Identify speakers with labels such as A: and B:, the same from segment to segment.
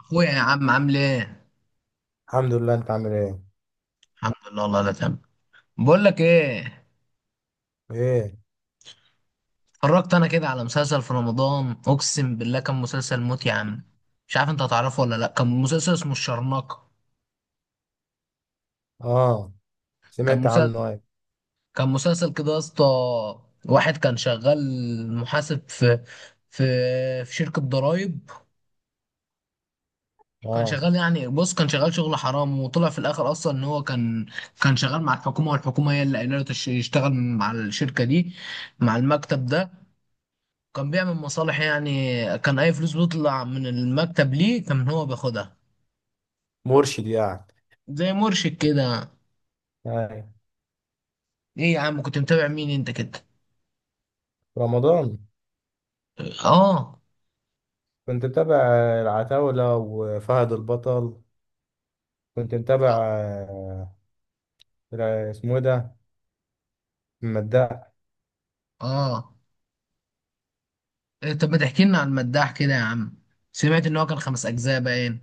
A: اخويا يا عم عامل ايه؟
B: الحمد لله، انت عامل ايه؟
A: الحمد لله، والله لا تمام. بقول لك ايه،
B: ايه.
A: اتفرجت انا كده على مسلسل في رمضان، اقسم بالله كان مسلسل موت يا عم. مش عارف انت هتعرفه ولا لا. كان مسلسل اسمه الشرنقة.
B: اه،
A: كان
B: سمعت
A: مسلسل
B: عنه. ايه؟
A: كان مسلسل كده يا اسطى. واحد كان شغال محاسب في في شركة ضرايب. كان
B: اه،
A: شغال يعني، بص، كان شغال شغل حرام، وطلع في الاخر اصلا ان هو كان، شغال مع الحكومة، والحكومة هي اللي قايله له يشتغل مع الشركة دي، مع المكتب ده. كان بيعمل مصالح يعني، كان اي فلوس بتطلع من المكتب ليه كان هو بياخدها.
B: مرشد يعني.
A: زي مرشد كده.
B: ايه.
A: ايه يا عم، كنت متابع مين انت كده؟
B: رمضان.
A: اه.
B: كنت متابع العتاولة وفهد البطل. كنت متابع، اسمه ايه ده؟ المداح.
A: اه. إيه، طب ما تحكي لنا عن المداح كده يا عم. سمعت ان هو كان خمس اجزاء باين.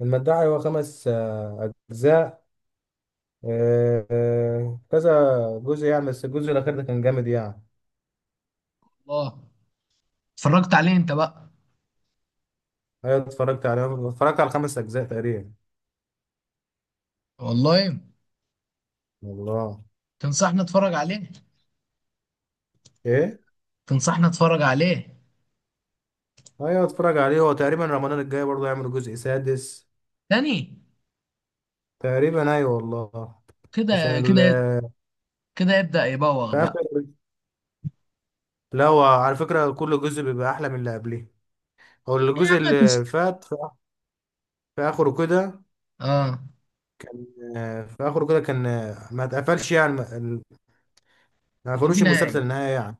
B: المداح هو خمس، اجزاء. كذا جزء يعني، بس الجزء الاخير ده كان جامد يعني.
A: الله. اتفرجت عليه انت بقى؟
B: ايوه اتفرجت عليه، اتفرجت على خمس اجزاء تقريبا.
A: والله.
B: والله.
A: تنصحني اتفرج عليه؟
B: ايه.
A: تنصحني اتفرج عليه؟
B: ايوه اتفرج عليه، هو تقريبا رمضان الجاي برضه هيعمل جزء سادس.
A: تاني؟
B: تقريبا ايوه والله.
A: كده
B: عشان ال...
A: كده كده يبدأ يبوغ
B: في
A: بقى.
B: اخر. لا هو على فكره كل جزء بيبقى احلى من اللي قبليه. هو
A: ايه يا
B: الجزء
A: عم
B: اللي فات في، في اخره كده
A: اه، ما
B: كان في اخره كده كان ما اتقفلش يعني، ما
A: كانش فيه
B: قفلوش
A: نهائي.
B: المسلسل نهائي يعني.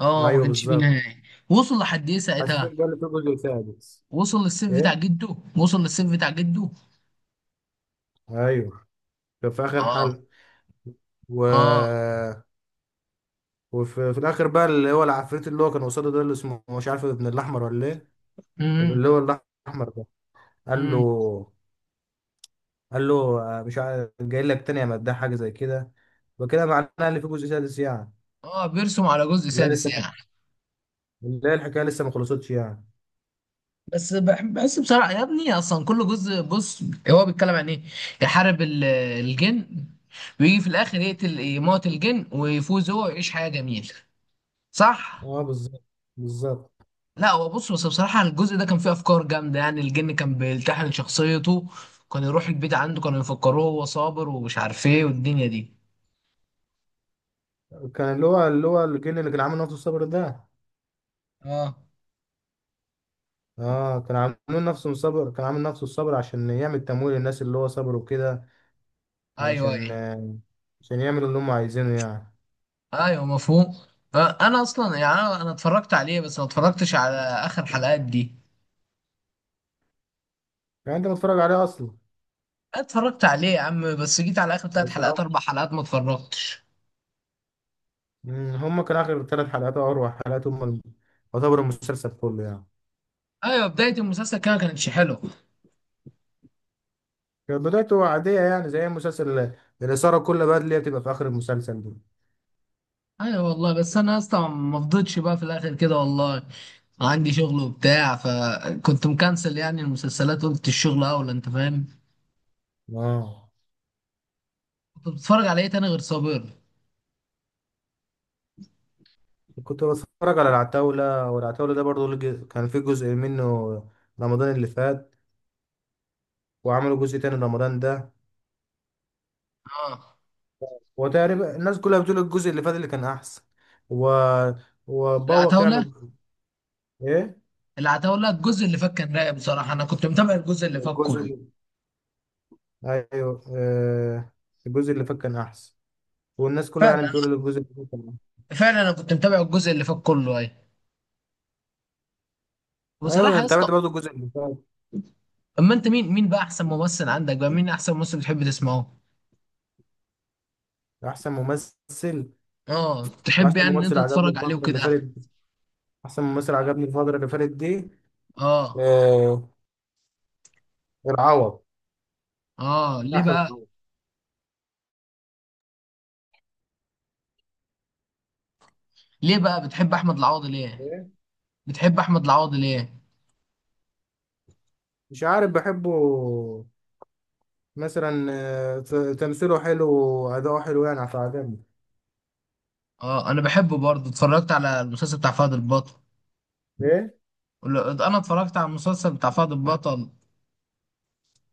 A: اه ما
B: ايوه
A: كانش فيه
B: بالظبط.
A: نهائي. وصل لحد ايه ساعتها؟
B: حسيت بقى اللي في جزء سادس. ايه.
A: وصل للسيف بتاع جده.
B: ايوه، كان في اخر
A: اه.
B: حلقه، و...
A: اه.
B: وفي الاخر بقى اللي هو العفريت اللي هو كان قصاده ده، اللي اسمه مش عارف ابن الاحمر ولا ايه. اللي
A: امم
B: هو الاحمر ده قال له،
A: امم
B: قال له مش عارف جاي لك تاني يا مداح، حاجه زي كده. وكده معناه ان في جزء سادس يعني.
A: اه، بيرسم على جزء
B: لا
A: سادس
B: لسه
A: يعني.
B: الح... لا الحكايه لسه ما خلصتش يعني.
A: بس بحس بصراحه يا ابني، اصلا كل جزء بص، هو بيتكلم عن ايه؟ يحارب الجن، ويجي في الاخر يموت الجن ويفوز هو ويعيش حياه جميله. صح؟
B: اه بالظبط، بالظبط.
A: لا هو بص، بس بصراحه الجزء ده كان فيه افكار جامده يعني. الجن كان بيلتحم شخصيته، كان يروح البيت عنده كانوا يفكروه هو صابر ومش عارف ايه والدنيا دي.
B: كان اللي هو الجن اللي كان عامل نفسه الصبر ده.
A: اه.
B: اه كان عامل نفسه الصبر، عشان يعمل تمويل للناس اللي هو صبروا كده.
A: ايوه،
B: علشان
A: ايوه.
B: عشان يعملوا اللي هم عايزينه يعني.
A: ايوه، مفهوم. انا اصلا يعني أنا اتفرجت عليه، بس ما اتفرجتش على اخر حلقات دي.
B: يعني انت متفرج عليه اصلا.
A: اتفرجت عليه يا عم، بس جيت على اخر ثلاث
B: بس
A: حلقات اربع حلقات ما اتفرجتش.
B: هم كان اخر ثلاث حلقات او اروع حلقات هم ال- يعتبر المسلسل كله يعني.
A: ايوه، بدايه المسلسل كده ما كانتش حلوه.
B: كانت بدايته عادية يعني، زي مسلسل الإثارة كل بقى اللي هي بتبقى في آخر المسلسل دي.
A: ايوه والله، بس انا اصلا ما فضيتش بقى في الاخر كده والله. عندي شغل وبتاع، فكنت مكنسل يعني المسلسلات، قلت الشغل اولى. انت فاهم؟
B: اه.
A: كنت بتتفرج على ايه تاني غير صابر؟
B: كنت بتفرج على العتاولة، والعتاولة ده برضو لج- كان في جزء منه رمضان اللي فات، وعملوا جزء تاني رمضان ده.
A: اه.
B: وتقريبا الناس كلها بتقول الجزء اللي فات اللي كان أحسن، و... وبوخ
A: العتاوله،
B: يعني. إيه.
A: الجزء اللي فات كان رايق بصراحه، انا كنت متابع الجزء اللي فات
B: الجزء
A: كله.
B: اللي أيوه الجزء اللي فات كان أحسن، والناس كلها يعني
A: فعلا.
B: بتقول الجزء اللي فات كان أحسن.
A: فعلا انا كنت متابع الجزء اللي فات كله اي.
B: أيوه
A: وصراحه يا
B: أنا
A: اسطى،
B: تابعت برضو الجزء اللي فات.
A: اما انت مين بقى احسن ممثل عندك، بقى مين احسن ممثل بتحب تسمعه؟
B: أحسن ممثل.
A: اه، تحب
B: واحسن
A: يعني ان انت
B: ممثل عجبني
A: تتفرج عليه
B: الفترة اللي
A: وكده.
B: فاتت دي، احسن ممثل عجبني الفترة اللي فاتت دي
A: اه.
B: آه، العوض.
A: اه، ليه
B: احمد
A: بقى؟
B: العوض.
A: بتحب احمد العوضي ليه؟
B: إيه؟
A: بتحب احمد العوضي ليه؟
B: مش عارف بحبه، مثلا ت- تمثيله حلو واداؤه حلو يعني فعجبني.
A: اه، انا بحبه برضه. اتفرجت على المسلسل بتاع فهد البطل،
B: ايه.
A: انا اتفرجت على المسلسل بتاع فهد البطل.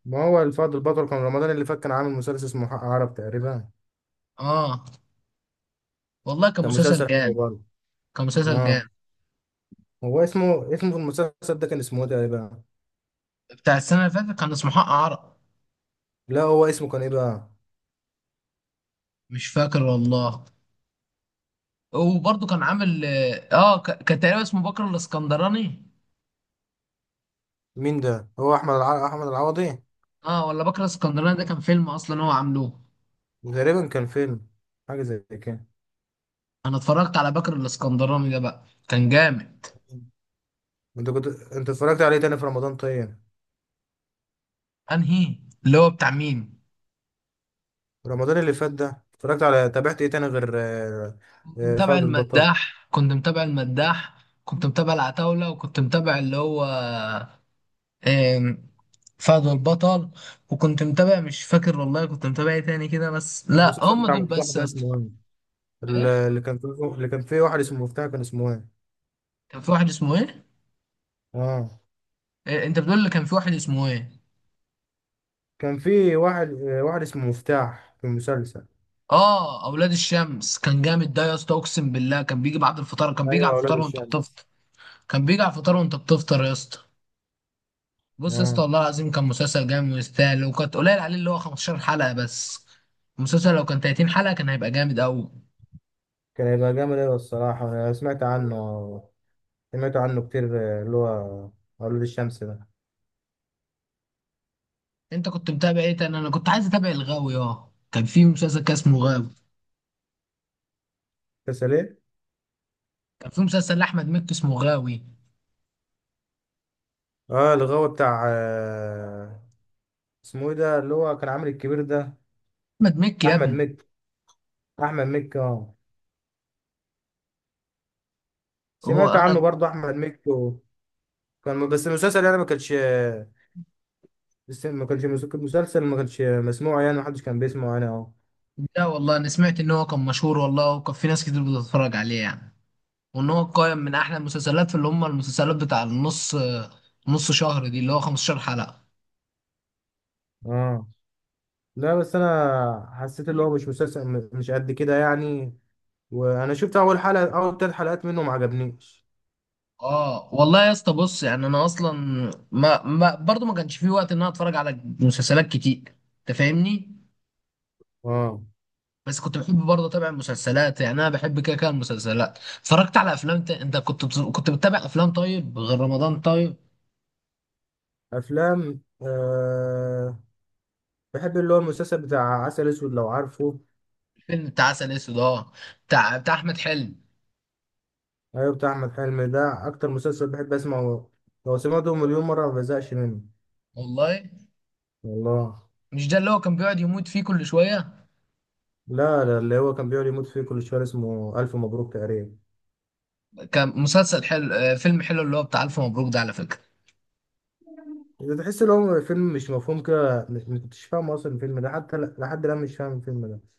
B: ما هو الفضل البطل كان رمضان اللي فات كان عامل مسلسل اسمه حق عرب تقريبا.
A: اه والله كان
B: كان
A: مسلسل
B: مسلسل حلو
A: جامد.
B: برضه.
A: كان مسلسل
B: اه.
A: جامد.
B: هو اسمه في المسلسل ده كان اسمه ايه تقريبا؟
A: بتاع السنه اللي فاتت كان اسمه حق عرق.
B: لا هو اسمه كان ايه بقى؟
A: مش فاكر والله. وبرضه كان عامل، اه، كان تقريبا اسمه بكر الاسكندراني.
B: مين ده؟ هو احمد الع... احمد العوضي.
A: اه، ولا بكر الاسكندراني ده كان فيلم اصلا هو عاملوه.
B: تقريبا كان فيلم، حاجة زي كده.
A: انا اتفرجت على بكر الاسكندراني ده بقى كان جامد.
B: انت كنت اتفرجت عليه تاني في رمضان طيب؟
A: انهي؟ اللي هو بتاع مين؟
B: رمضان اللي فات ده اتفرجت على، تابعت ايه تاني غير فهد البطل.
A: كنت متابع المداح. كنت متابع العتاولة، وكنت متابع اللي هو، آم، فهد البطل. وكنت متابع، مش فاكر والله كنت متابع ايه تاني كده، بس لا
B: المسلسل
A: هم
B: بتاع
A: دول
B: مفتاح
A: بس يا
B: ده
A: اسطى.
B: اسمه ايه؟
A: ايه؟
B: اللي كان فيه، اللي كان فيه واحد اسمه مفتاح، كان اسمه ايه؟
A: كان في واحد اسمه ايه؟
B: اه
A: إيه، انت بتقول لي كان في واحد اسمه ايه؟
B: كان فيه واحد، واحد اسمه مفتاح في المسلسل.
A: اه، اولاد الشمس كان جامد ده يا اسطى، اقسم بالله كان بيجي بعد الفطار،
B: ايوه، اولاد الشمس.
A: كان بيجي على الفطار وانت بتفطر يا اسطى. بص يا اسطى،
B: اه
A: والله العظيم كان مسلسل جامد ويستاهل، وكانت قليل عليه اللي هو 15 حلقة بس. المسلسل لو كان 30 حلقة كان هيبقى جامد قوي.
B: كان هيبقى جامد ايوه. الصراحة انا سمعت عنه، سمعت عنه كتير. آه، اللي هو اولاد الشمس ده.
A: انت كنت متابع ايه تاني؟ انا كنت عايز اتابع الغاوي. اه، كان اسمه غاوي.
B: مسلسل ايه؟
A: كان في مسلسل لاحمد مكي اسمه غاوي.
B: اه الغاوي بتاع اسمه ايه ده اللي هو كان عامل الكبير ده؟
A: احمد مكي يا
B: احمد
A: ابني.
B: مكي. احمد مكي اه.
A: هو
B: سمعت
A: انا
B: عنه برضه احمد مكي، و- كان بس المسلسل يعني ما كانش، بس ما كانش مس- مسلسل ما كانش مسموع يعني، ما حدش كان بيسمعه انا. اه.
A: لا والله، انا سمعت ان هو كان مشهور والله، وكان في ناس كتير بتتفرج عليه يعني. وان هو قائم من احلى المسلسلات في اللي هم المسلسلات بتاع نص شهر دي، اللي هو 15 حلقة.
B: اه لا، بس انا حسيت اللي هو مش مسلسل م- مش قد كده يعني، وانا شفت اول حلقة، اول ثلاث حلقات منه ما عجبنيش.
A: اه والله يا اسطى، بص يعني انا اصلا ما برضه ما كانش في وقت ان انا اتفرج على مسلسلات كتير. انت فاهمني؟
B: اه.
A: بس كنت بحب برضه اتابع المسلسلات، يعني انا بحب كده المسلسلات. اتفرجت على كنت بتتابع افلام طيب غير رمضان؟ طيب،
B: افلام أه. بحب اللي هو المسلسل بتاع عسل اسود لو عارفه.
A: فيلم بتاع عسل اسود اه، بتاع احمد حلمي.
B: ايوه بتاع احمد حلمي ده، اكتر مسلسل بحب اسمعه، لو سمعته مليون مرة ما بزهقش منه.
A: والله.
B: والله.
A: مش ده اللي هو كان بيقعد يموت فيه كل شوية؟
B: لا اللي هو كان بيقعد يموت فيه كل شويه اسمه الف مبروك تقريبا.
A: كان مسلسل حلو، فيلم حلو اللي هو بتاع ألف مبروك ده على فكرة.
B: ده تحس ان هو فيلم مش مفهوم كده، مش ما كنتش فاهم اصلا الفيلم ده، حتى ل- لحد الان مش فاهم الفيلم ده.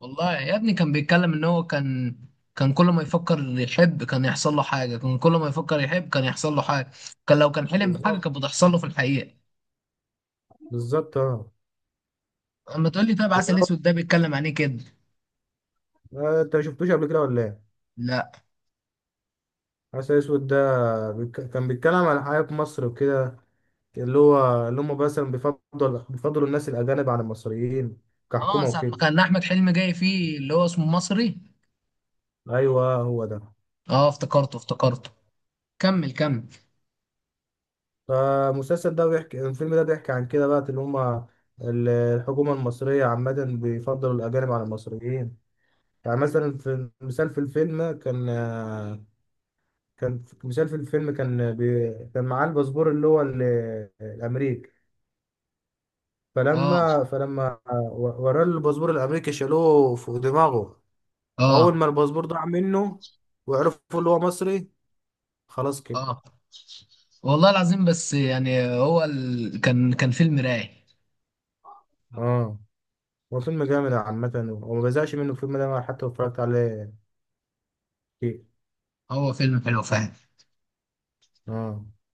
A: والله يا ابني كان بيتكلم إن هو كان، كان كل ما يفكر يحب كان يحصل له حاجة، كان كل ما يفكر يحب كان يحصل له حاجة. كان لو كان حلم بحاجة
B: بالظبط،
A: كانت بتحصل له في الحقيقة.
B: بالظبط اه.
A: أما تقول لي طيب عسل أسود
B: و-
A: ده بيتكلم عن إيه كده.
B: انت ما شفتوش قبل كده ولا ايه؟
A: لا.
B: عسل اسود ده بيك- كان بيتكلم عن الحياه في مصر وكده، اللي هو اللي هم مثلا بيفضلوا الناس الاجانب على المصريين
A: آه،
B: كحكومه
A: ساعة ما
B: وكده.
A: كان أحمد حلمي جاي فيه اللي هو اسمه مصري؟
B: ايوه هو ده.
A: آه، افتكرته، افتكرته. كمل، كمل.
B: فالمسلسل ده بيحكي، الفيلم ده بيحكي عن كده بقى اللي هما ال- الحكومة المصرية عامة بيفضلوا الأجانب على المصريين. يعني مثلا في مثال في الفيلم كان، مثال في الفيلم كان بي كان معاه الباسبور اللي هو ال- الأمريكي،
A: آه،
B: فلما وراه الباسبور الأمريكي شالوه فوق دماغه، وأول
A: آه،
B: ما الباسبور ضاع منه وعرفوا اللي هو مصري، خلاص كده.
A: آه، والله العظيم بس يعني هو كان فيلم رايق.
B: اه. هو فيلم جامد عامة وما بزهقش منه الفيلم ده حتى لو اتفرجت عليه كتير.
A: هو فيلم حلو فعلا.
B: اه.